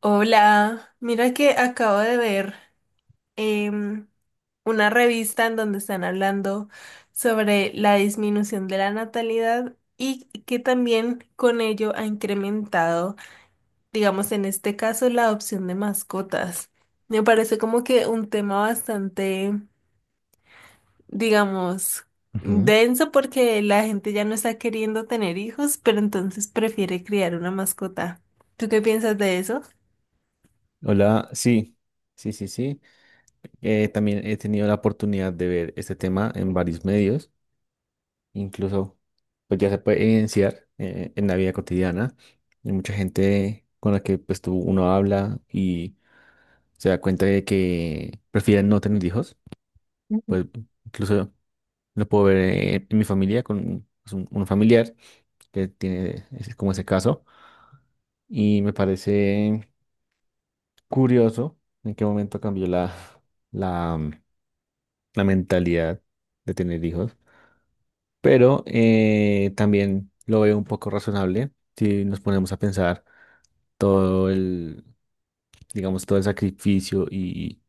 Hola, mira que acabo de ver em, una revista en donde están hablando sobre la disminución de la natalidad y que también con ello ha incrementado, digamos en este caso, la adopción de mascotas. Me parece como que un tema bastante, digamos, Ujú. denso porque la gente ya no está queriendo tener hijos, pero entonces prefiere criar una mascota. ¿Tú qué piensas de eso? Hola, sí, sí. También he tenido la oportunidad de ver este tema en varios medios, incluso pues ya se puede evidenciar en la vida cotidiana. Hay mucha gente con la que pues tú uno habla y se da cuenta de que prefieren no tener hijos. Pues incluso lo puedo ver en mi familia con pues, un familiar que tiene como ese caso y me parece curioso en qué momento cambió la la mentalidad de tener hijos, pero también lo veo un poco razonable si nos ponemos a pensar todo el, digamos, todo el sacrificio y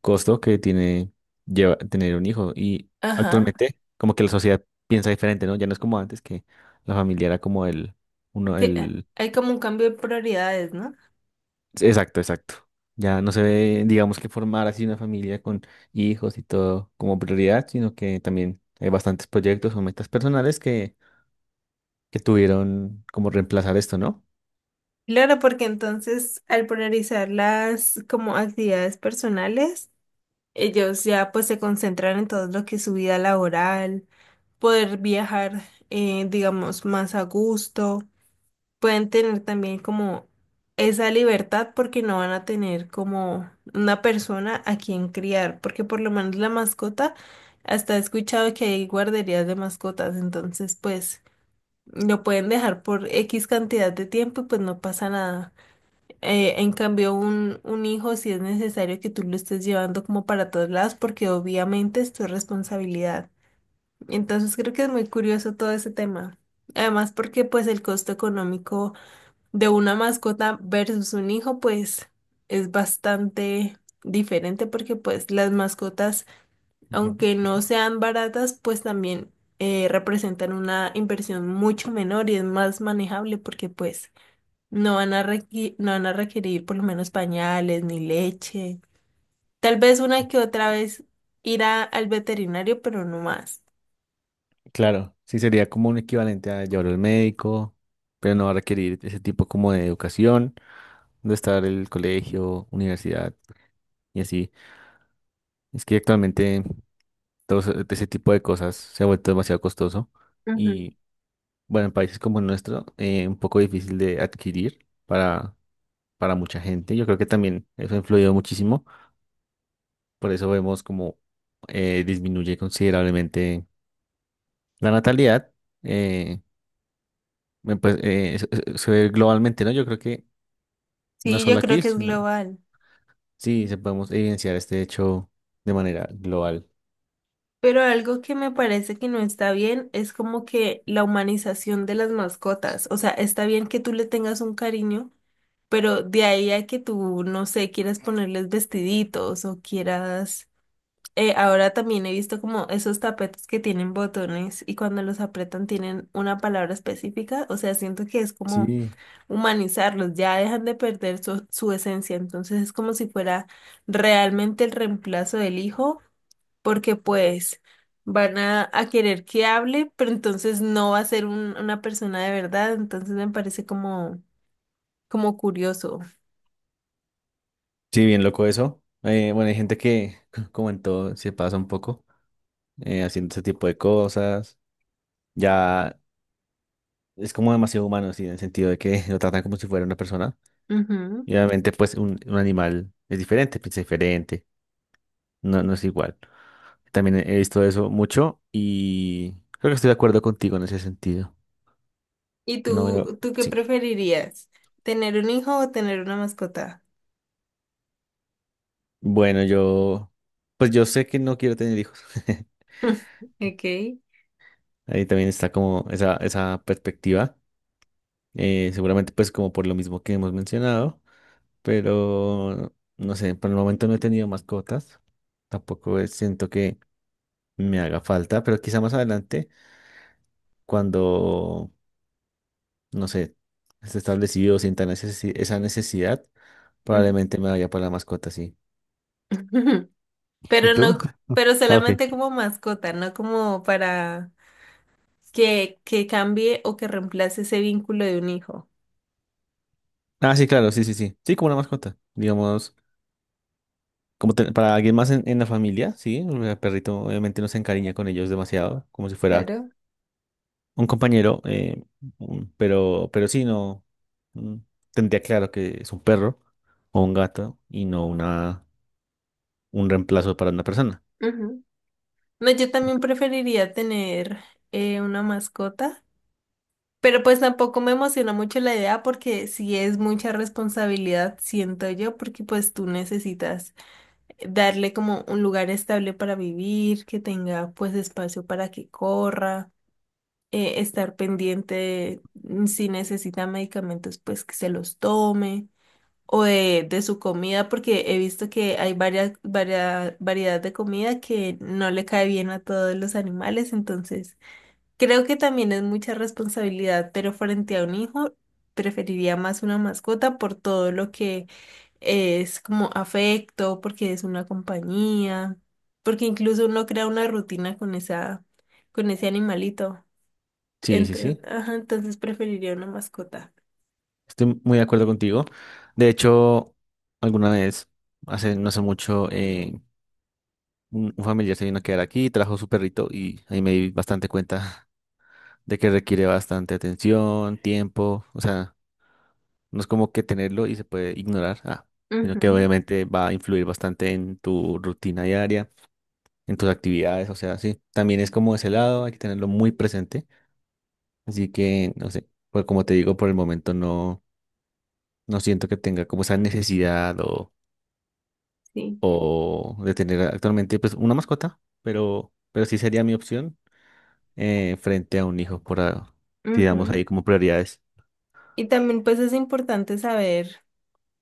costo que tiene tener un hijo. Y Ajá. actualmente, como que la sociedad piensa diferente, ¿no? Ya no es como antes que la familia era como uno, Sí, el, hay como un cambio de prioridades, ¿no? exacto, exacto. Ya no se ve, digamos, que formar así una familia con hijos y todo como prioridad, sino que también hay bastantes proyectos o metas personales que tuvieron como reemplazar esto, ¿no? Claro, porque entonces al priorizar las como actividades personales, ellos ya pues se concentran en todo lo que es su vida laboral, poder viajar, digamos, más a gusto, pueden tener también como esa libertad porque no van a tener como una persona a quien criar, porque por lo menos la mascota, hasta he escuchado que hay guarderías de mascotas, entonces pues... Lo pueden dejar por X cantidad de tiempo y pues no pasa nada. En cambio, un hijo si es necesario que tú lo estés llevando como para todos lados porque obviamente es tu responsabilidad. Entonces creo que es muy curioso todo ese tema. Además porque pues el costo económico de una mascota versus un hijo pues es bastante diferente porque pues las mascotas Ujú. aunque no Sí. sean baratas, pues también representan una inversión mucho menor y es más manejable porque pues no van a requerir por lo menos pañales ni leche. Tal vez una que otra vez al veterinario, pero no más. Claro, sí sería como un equivalente a llevar al médico, pero no va a requerir ese tipo como de educación, de estar el colegio, universidad y así. Es que actualmente todo ese tipo de cosas se ha vuelto demasiado costoso Ujú. y bueno, en países como el nuestro, un poco difícil de adquirir para mucha gente. Yo creo que también eso ha influido muchísimo, por eso vemos como disminuye considerablemente la natalidad eh, pues, se ve globalmente, ¿no? Yo creo que no Sí, yo solo creo aquí, que es sino global. sí, se podemos evidenciar este hecho de manera global. Pero algo que me parece que no está bien es como que la humanización de las mascotas. O sea, está bien que tú le tengas un cariño, pero de ahí a que tú, no sé, quieras ponerles vestiditos o quieras... ahora también he visto como esos tapetes que tienen botones y cuando los apretan tienen una palabra específica. O sea, siento que es como Sí, humanizarlos, ya dejan de perder su esencia. Entonces es como si fuera realmente el reemplazo del hijo, porque pues van a querer que hable, pero entonces no va a ser una persona de verdad. Entonces me parece como curioso. sí, bien loco eso. Bueno, hay gente que, como en todo, se pasa un poco haciendo ese tipo de cosas. Ya es como demasiado humano, sí, en el sentido de que lo tratan como si fuera una persona. Ujú. Y obviamente, pues, un animal es diferente, piensa diferente, no, no es igual. También he visto eso mucho y creo que estoy de acuerdo contigo en ese sentido. ¿Y No, pero tú qué sí. preferirías? ¿Tener un hijo o tener una mascota? Bueno, yo, pues yo sé que no quiero tener hijos. Ok. Ahí también está como esa perspectiva. Seguramente pues como por lo mismo que hemos mencionado, pero no sé, por el momento no he tenido mascotas. Tampoco es- Siento que me haga falta, pero quizá más adelante, cuando, no sé, esté establecido, sienta esa necesidad, Ujú. probablemente me vaya para la mascota, sí. ¿Y Pero no, tú? c- pero Ah, ok. solamente como mascota, no como para que cambie o que reemplace ese vínculo de un hijo. Ah, sí, claro, sí, sí, sí. Sí, como una mascota. Digamos, como para alguien más en la familia, sí. El perrito obviamente no se encariña con ellos demasiado, como si fuera Claro. un compañero. Pero sí, no. mm, Tendría claro que es un perro o un gato y no una, un reemplazo para una persona. Ujú. No, yo también preferiría tener una mascota, pero pues tampoco me emociona mucho la idea porque sí es mucha responsabilidad, siento yo, porque pues tú necesitas darle como un lugar estable para vivir, que tenga pues espacio para que corra, estar pendiente si necesita medicamentos pues que se los tome o de su comida porque he visto que hay varias variedad de comida que no le cae bien a todos los animales, entonces creo que también es mucha responsabilidad, pero frente a un hijo preferiría más una mascota por todo lo que es como afecto, porque es una compañía, porque incluso uno crea una rutina con con ese animalito. Sí, sí, sí. Entonces, ajá, entonces preferiría una mascota. Estoy muy de acuerdo contigo. De hecho, alguna vez, hace no hace mucho, un familiar se vino a quedar aquí, trajo su perrito y ahí me di bastante cuenta de que requiere bastante atención, tiempo, o sea, no es como que tenerlo y se puede ignorar, ah, sino que Ujú, obviamente va a influir bastante en tu rutina diaria, en tus actividades, o sea, sí, también es como ese lado, hay que tenerlo muy presente, así que, no sé, pues como te digo, por el momento no, no siento que tenga como esa necesidad sí. o de tener actualmente pues una mascota, pero sí sería mi opción frente a un hijo, digamos Ujú. ahí como prioridades. Y también pues es importante saber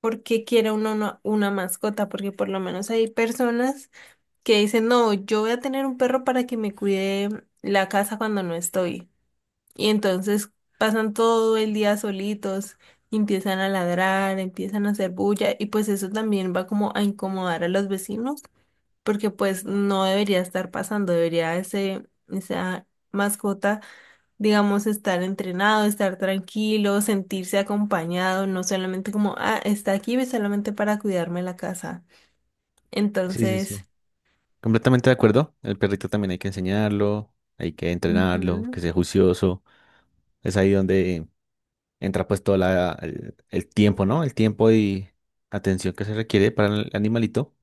por qué quiere uno una mascota, porque por lo menos hay personas que dicen, no, yo voy a tener un perro para que me cuide la casa cuando no estoy. Y entonces pasan todo el día solitos, y empiezan a ladrar, empiezan a hacer bulla y pues eso también va como a incomodar a los vecinos, porque pues no debería estar pasando, debería esa mascota, digamos, estar entrenado, estar tranquilo, sentirse acompañado, no solamente como, ah, está aquí solamente para cuidarme la casa. Sí, sí, Entonces, sí. Completamente de acuerdo. El perrito también hay que enseñarlo, hay que entrenarlo, ujú, que sea juicioso. Es ahí donde entra pues todo el tiempo, ¿no? El tiempo y atención que se requiere para el animalito.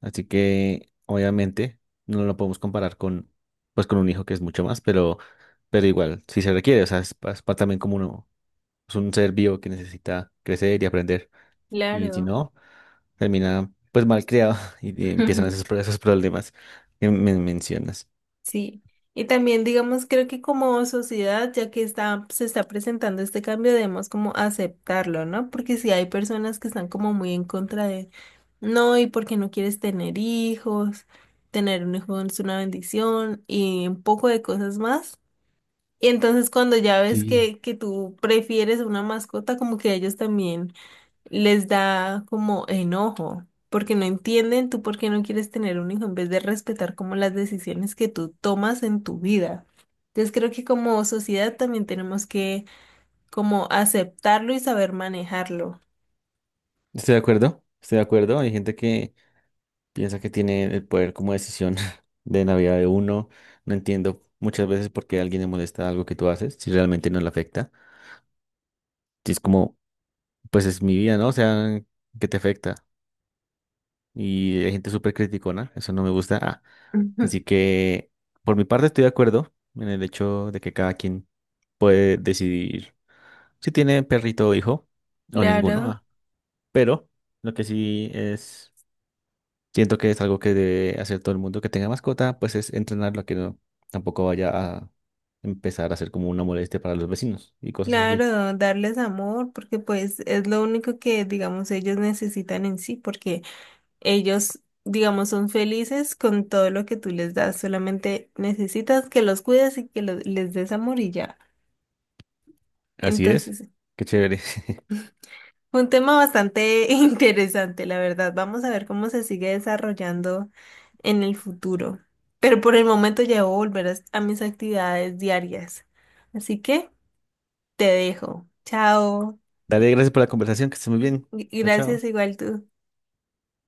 Así que obviamente no lo podemos comparar con, pues, con un hijo que es mucho más, pero igual, sí se requiere. O sea, es, también como uno, es un ser vivo que necesita crecer y aprender. Y si claro. no, termina pues mal creado y empiezan Ujú, esos problemas que me mencionas. sí, y también digamos, creo que como sociedad, ya que se está presentando este cambio, debemos como aceptarlo, ¿no? Porque si hay personas que están como muy en contra de, no, y porque no quieres tener hijos, tener un hijo es una bendición y un poco de cosas más. Y entonces cuando ya ves Sí, que tú prefieres una mascota, como que ellos también... les da como enojo, porque no entienden tú por qué no quieres tener un hijo en vez de respetar como las decisiones que tú tomas en tu vida. Entonces creo que como sociedad también tenemos que como aceptarlo y saber manejarlo. estoy de acuerdo, estoy de acuerdo. Hay gente que piensa que tiene el poder como decisión de la vida de uno. No entiendo muchas veces por qué a alguien le molesta algo que tú haces si realmente no le afecta. Si es como, pues es mi vida, ¿no? O sea, ¿qué te afecta? Y hay gente súper criticona, eso no me gusta. Ah, Ujú. así que por mi parte estoy de acuerdo en el hecho de que cada quien puede decidir si tiene perrito o hijo, o ninguno, Claro, ah. Pero lo que sí es, siento que es algo que debe hacer todo el mundo que tenga mascota, pues es entrenarlo a que tampoco vaya a empezar a ser como una molestia para los vecinos y cosas así. claro, darles amor, porque pues es lo único que, digamos, ellos necesitan en sí, porque ellos, digamos, son felices con todo lo que tú les das, solamente necesitas que los cuides y que les des amor y ya. Así es. Entonces, Qué chévere. fue un tema bastante interesante, la verdad. Vamos a ver cómo se sigue desarrollando en el futuro. Pero por el momento ya debo volver a mis actividades diarias. Así que te dejo. Chao. Dale, gracias por la conversación, que estés muy bien. Chao, chao. Gracias igual tú.